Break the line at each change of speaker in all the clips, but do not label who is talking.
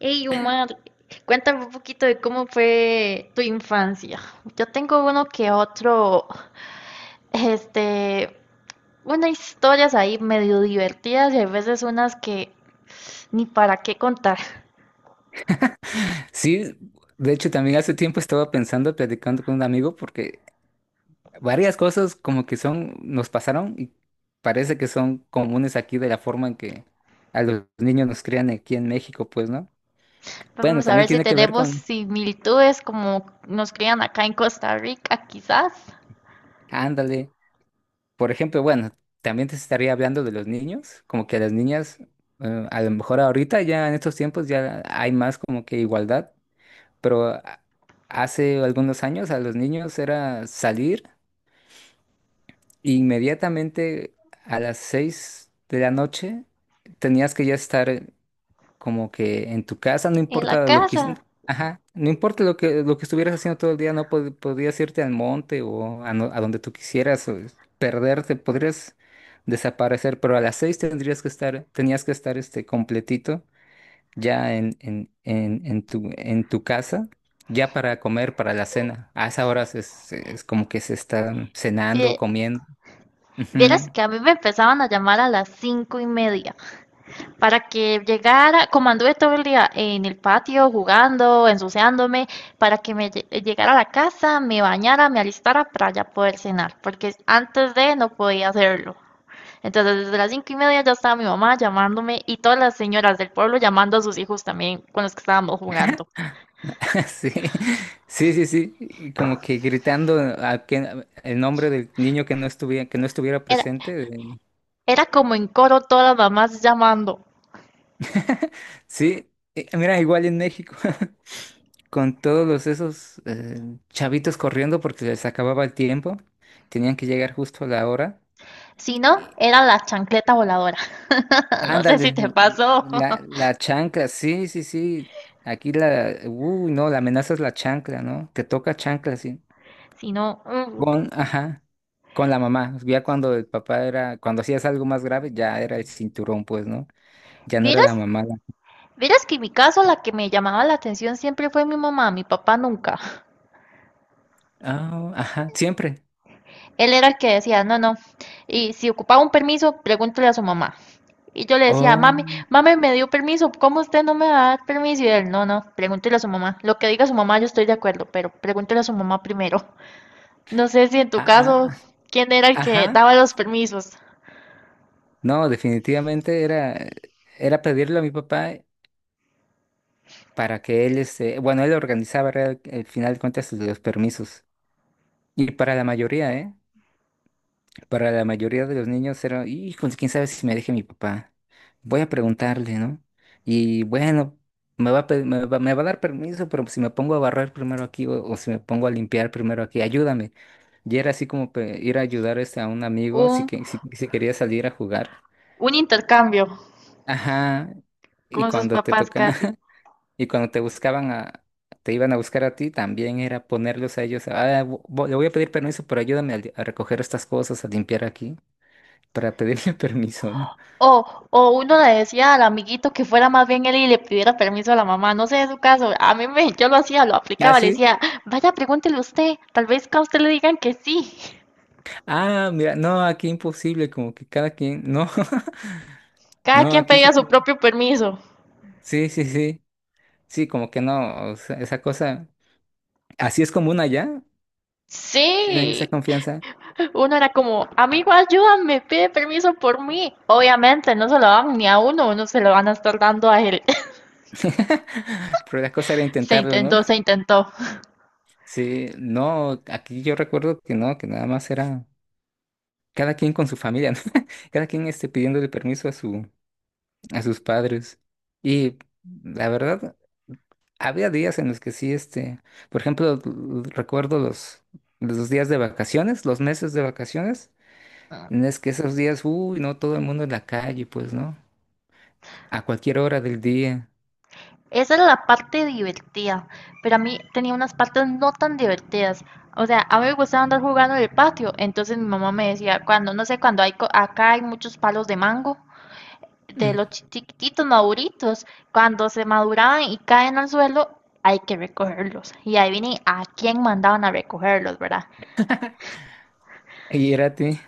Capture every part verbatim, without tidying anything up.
Hey, Omar, cuéntame un poquito de cómo fue tu infancia. Yo tengo uno que otro, este, unas historias ahí medio divertidas y a veces unas que ni para qué contar.
Sí, de hecho también hace tiempo estaba pensando, platicando con un amigo, porque varias cosas como que son, nos pasaron y parece que son comunes aquí de la forma en que a los niños nos crían aquí en México, pues, ¿no? Bueno,
Vamos a ver
también
si
tiene que ver
tenemos
con,
similitudes como nos crían acá en Costa Rica, quizás,
ándale, por ejemplo, bueno, también te estaría hablando de los niños, como que a las niñas, eh, a lo mejor ahorita ya en estos tiempos ya hay más como que igualdad, pero a- hace algunos años a los niños era salir. Inmediatamente a las seis de la noche tenías que ya estar como que en tu casa, no
en la
importa lo que, hici-
casa.
ajá, no importa lo que, lo que estuvieras haciendo todo el día, no pod- podías irte al monte o a, no- a donde tú quisieras, o perderte, podrías desaparecer, pero a las seis tendrías que estar, tenías que estar este completito ya en, en, en, en tu, en tu casa. Ya para comer, para la cena. A esa hora es, es como que se están cenando,
Sí,
comiendo. Ujú.
vieras que a mí me empezaban a llamar a las cinco y media, para que llegara. Como anduve todo el día en el patio jugando, ensuciándome, para que me lle- llegara a la casa, me bañara, me alistara para ya poder cenar, porque antes de no podía hacerlo. Entonces, desde las cinco y media ya estaba mi mamá llamándome y todas las señoras del pueblo llamando a sus hijos también con los que estábamos jugando.
Sí, sí, sí, sí, y como que gritando a que, el nombre del niño que no estuviera, que no estuviera
Era,
presente. de-
era como en coro todas las mamás llamando.
Sí, eh, mira, igual en México, con todos los esos eh, chavitos corriendo porque les acababa el tiempo, tenían que llegar justo a la hora.
Si no,
Y
era la chancleta voladora. No sé si te
ándale,
pasó.
la, la chancla, sí, sí, sí, aquí la, uy, no, la amenaza es la chancla, ¿no? Te toca chancla, sí.
Si no, mm.
Con, ajá. Con la mamá, ya cuando el papá era, cuando hacías algo más grave, ya era el cinturón, pues, ¿no? Ya no era
vieras
la mamá. la-
Verás que en mi caso la que me llamaba la atención siempre fue mi mamá, mi papá nunca.
Ah, ajá, siempre.
Él era el que decía, no, no. Y si ocupaba un permiso, pregúntele a su mamá. Y yo le decía,
Oh,
mami, mami me dio permiso, ¿cómo usted no me va a dar permiso? Y él, no, no, pregúntele a su mamá. Lo que diga su mamá yo estoy de acuerdo, pero pregúntele a su mamá primero. No sé si en tu
ah,
caso,
ah,
¿quién era el que
ajá.
daba los permisos?
No, definitivamente era, era pedirle a mi papá para que él, este, bueno, él organizaba real- el final de cuentas los permisos. Y para la mayoría, ¿eh? Para la mayoría de los niños era, hijo, quién sabe si me deje mi papá. Voy a preguntarle, ¿no? Y bueno, me va a, pe- me va, me va a dar permiso, pero si me pongo a barrer primero aquí o, o si me pongo a limpiar primero aquí, ayúdame. Y era así como pe- ir a ayudar este, a un amigo si,
Un,
que, si, si quería salir a jugar.
un intercambio
Ajá. Y
con sus
cuando te
papás
toca,
casi.
y cuando te buscaban a, te iban a buscar a ti, también era ponerlos a ellos. "Ah, vo- vo- le voy a pedir permiso, pero ayúdame a, li- a recoger estas cosas, a limpiar aquí para pedirle permiso, ¿no?
O, o uno le decía al amiguito que fuera más bien él y le pidiera permiso a la mamá. No sé de su caso, a mí me, yo lo hacía, lo
Ah,
aplicaba, le
sí.
decía, vaya, pregúntele usted, tal vez que a usted le digan que sí.
Ah, mira, no, aquí imposible, como que cada quien, no,
Cada
no,
quien
aquí sí
pedía su
tienen.
propio permiso.
Sí, sí, sí, sí, como que no, o sea, esa cosa, así es común allá, tienen esa
Sí,
confianza.
uno era como, amigo, ayúdame, pide permiso por mí. Obviamente no se lo dan ni a uno, uno se lo van a estar dando a él.
Pero la cosa era
Se
intentarlo, ¿no?
intentó, se intentó.
Sí, no, aquí yo recuerdo que no, que nada más era cada quien con su familia, ¿no? Cada quien este, pidiéndole permiso a su, a sus padres. Y la verdad, había días en los que sí, este, por ejemplo, l- recuerdo los, los días de vacaciones, los meses de vacaciones, en es que esos días, uy, no todo el mundo en la calle, pues, ¿no? A cualquier hora del día.
Esa era la parte divertida, pero a mí tenía unas partes no tan divertidas. O sea, a mí me gustaba andar jugando en el patio. Entonces mi mamá me decía, cuando, no sé, cuando hay, co- acá hay muchos palos de mango, de
Mm.
los chi- chiquititos maduritos, cuando se maduraban y caen al suelo, hay que recogerlos. Y ahí viene a quién mandaban a recogerlos, ¿verdad?
Y era a ti,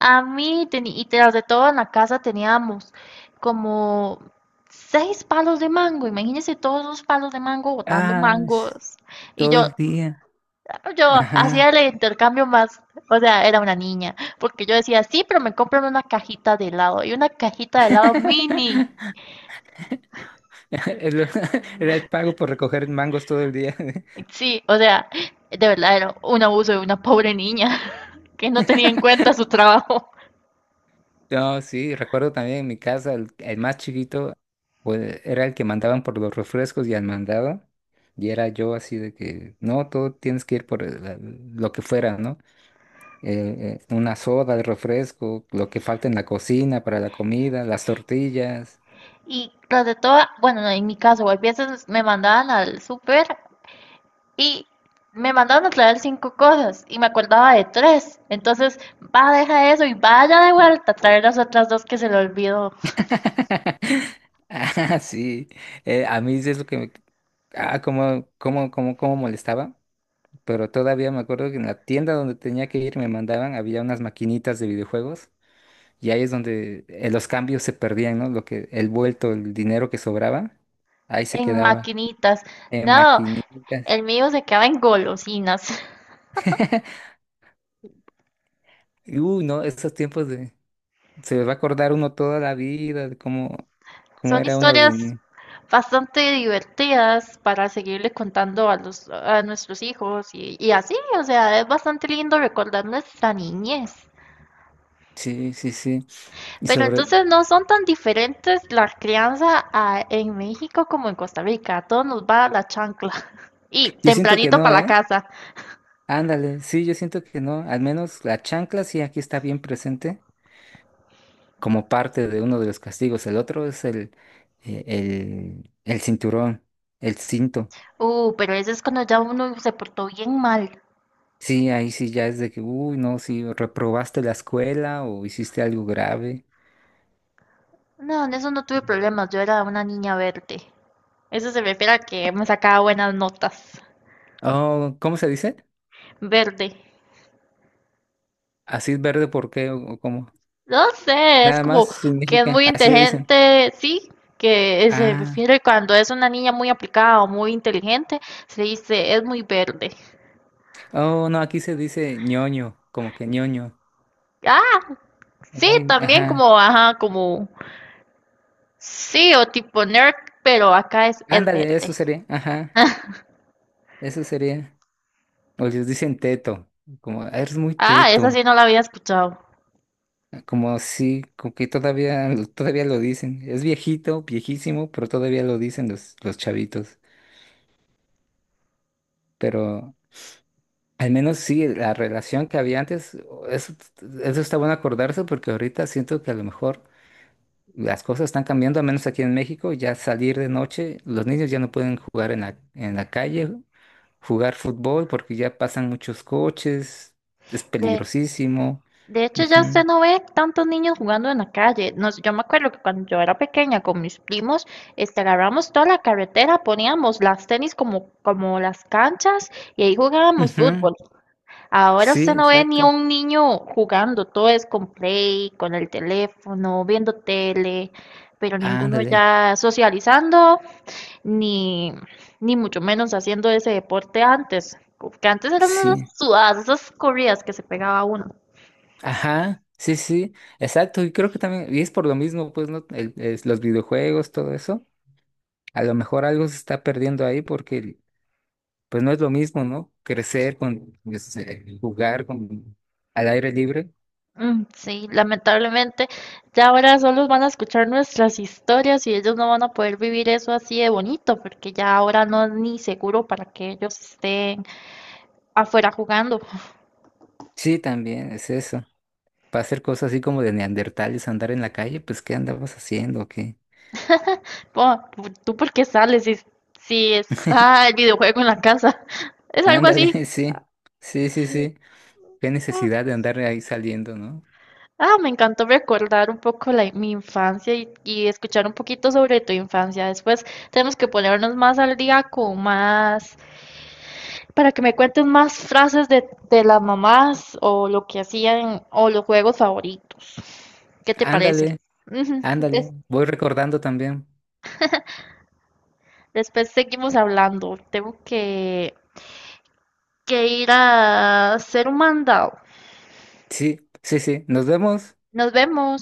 A mí, teni- y tras de todo en la casa teníamos como seis palos de mango. Imagínense todos los palos de mango botando
ah, s-
mangos. Y
todo
yo,
el día.
Yo hacía
Ajá.
el intercambio más, o sea, era una niña, porque yo decía, sí, pero me compran una cajita de helado y una cajita de helado mini.
El- Era el pago por recoger mangos todo el día.
Sí, o sea, de verdad era un abuso de una pobre niña que no tenía en cuenta su trabajo.
No, sí, recuerdo también en mi casa, el, el más chiquito, pues era el que mandaban por los refrescos y al mandaba. Y era yo así de que, no, todo tienes que ir por el- la- lo que fuera, ¿no? Eh, eh, una soda, el refresco, lo que falta en la cocina para la comida, las tortillas.
Y tras de todo, bueno, no, en mi caso, a veces me mandaban al súper y me mandaban a traer cinco cosas y me acordaba de tres. Entonces, va, deja eso y vaya de vuelta a traer las otras dos que se le olvidó
Ah, sí. Eh, a mí sí es lo que me... Ah, cómo, cómo, cómo, cómo molestaba. Pero todavía me acuerdo que en la tienda donde tenía que ir me mandaban, había unas maquinitas de videojuegos. Y ahí es donde eh, los cambios se perdían, ¿no? Lo que, el vuelto, el dinero que sobraba, ahí se
en
quedaba.
maquinitas.
En
No,
maquinitas.
el mío se queda en golosinas.
Y, uy, no, esos tiempos de... Se va a acordar uno toda la vida de cómo, cómo
Son
era uno de...
historias
ni-
bastante divertidas para seguirle contando a los, a nuestros hijos y, y así, o sea, es bastante lindo recordar nuestra niñez.
Sí, sí, sí. Y
Pero
sobre...
entonces no son tan diferentes la crianza a- en México como en Costa Rica. A todos nos va la chancla. Y
Yo siento que
tempranito
no,
para la
¿eh?
casa.
Ándale, sí, yo siento que no. Al menos la chancla sí aquí está bien presente como parte de uno de los castigos. El otro es el, eh, el, el cinturón, el cinto.
Uh, pero ese es cuando ya uno se portó bien mal.
Sí, ahí sí ya es de que, uy, no, si reprobaste la escuela o hiciste algo grave.
No, en eso no tuve problemas. Yo era una niña verde. Eso se refiere a que me sacaba buenas notas.
Oh, ¿cómo se dice?
Verde.
Así es verde, ¿por qué? ¿O o cómo?
No sé, es
Nada
como
más
que es
significa,
muy
así le dicen.
inteligente, sí, que se
Ah,
refiere cuando es una niña muy aplicada o muy inteligente, se dice es muy verde.
oh, no, aquí se dice ñoño, como que ñoño.
Ah, sí,
Muy,
también
ajá.
como, ajá, como, sí, o tipo nerd, pero acá es, es
Ándale,
verde.
eso sería, ajá, eso sería. O les dicen teto, como, "Ah, eres muy
Ah, esa
teto,
sí no la había escuchado.
como así, como que todavía, todavía lo dicen. Es viejito, viejísimo, pero todavía lo dicen los, los chavitos. Pero al menos sí, la relación que había antes, o- eso, eso está bueno acordarse porque ahorita siento que a lo mejor las cosas están cambiando, al menos aquí en México, ya salir de noche, los niños ya no pueden jugar en la, en la calle, jugar fútbol porque ya pasan muchos coches, es
Eh,
peligrosísimo.
De hecho, ya usted
Ujú,
no ve tantos niños jugando en la calle. Nos- yo me acuerdo que cuando yo era pequeña con mis primos, este, agarramos toda la carretera, poníamos las tenis como, como las canchas y ahí jugábamos
ujú,
fútbol. Ahora
sí,
usted no ve ni a
exacto.
un niño jugando, todo es con play, con el teléfono, viendo tele, pero ninguno
Ándale,
ya socializando, ni, ni mucho menos haciendo ese deporte antes, que antes eran esas
sí.
sudadas, esas corridas que se pegaba uno.
Ajá, sí, sí, exacto. Y creo que también, y es por lo mismo, pues, ¿no? El- es los videojuegos, todo eso a lo mejor algo se está perdiendo ahí porque pues no es lo mismo, ¿no? Crecer con pues, eh, jugar con al aire libre.
Mm, sí, lamentablemente ya ahora solo van a escuchar nuestras historias y ellos no van a poder vivir eso así de bonito, porque ya ahora no es ni seguro para que ellos estén afuera jugando.
Sí, también es eso. Para hacer cosas así como de neandertales, andar en la calle, pues ¿qué andamos haciendo? ¿Qué?
Po, ¿tú tú por qué sales si, si está el videojuego en la casa? Es algo así.
Ándale, sí. Sí, sí, sí. Qué
Ah,
necesidad de andar ahí saliendo, ¿no?
ah, me encantó recordar un poco la, mi infancia y, y escuchar un poquito sobre tu infancia. Después tenemos que ponernos más al día con más para que me cuentes más frases de, de las mamás o lo que hacían o los juegos favoritos. ¿Qué te parece?
Ándale,
Ujú,
ándale.
des-
Voy recordando también.
después seguimos hablando. Tengo que, que ir a hacer un mandado.
Sí, sí, sí. Nos vemos.
Nos vemos.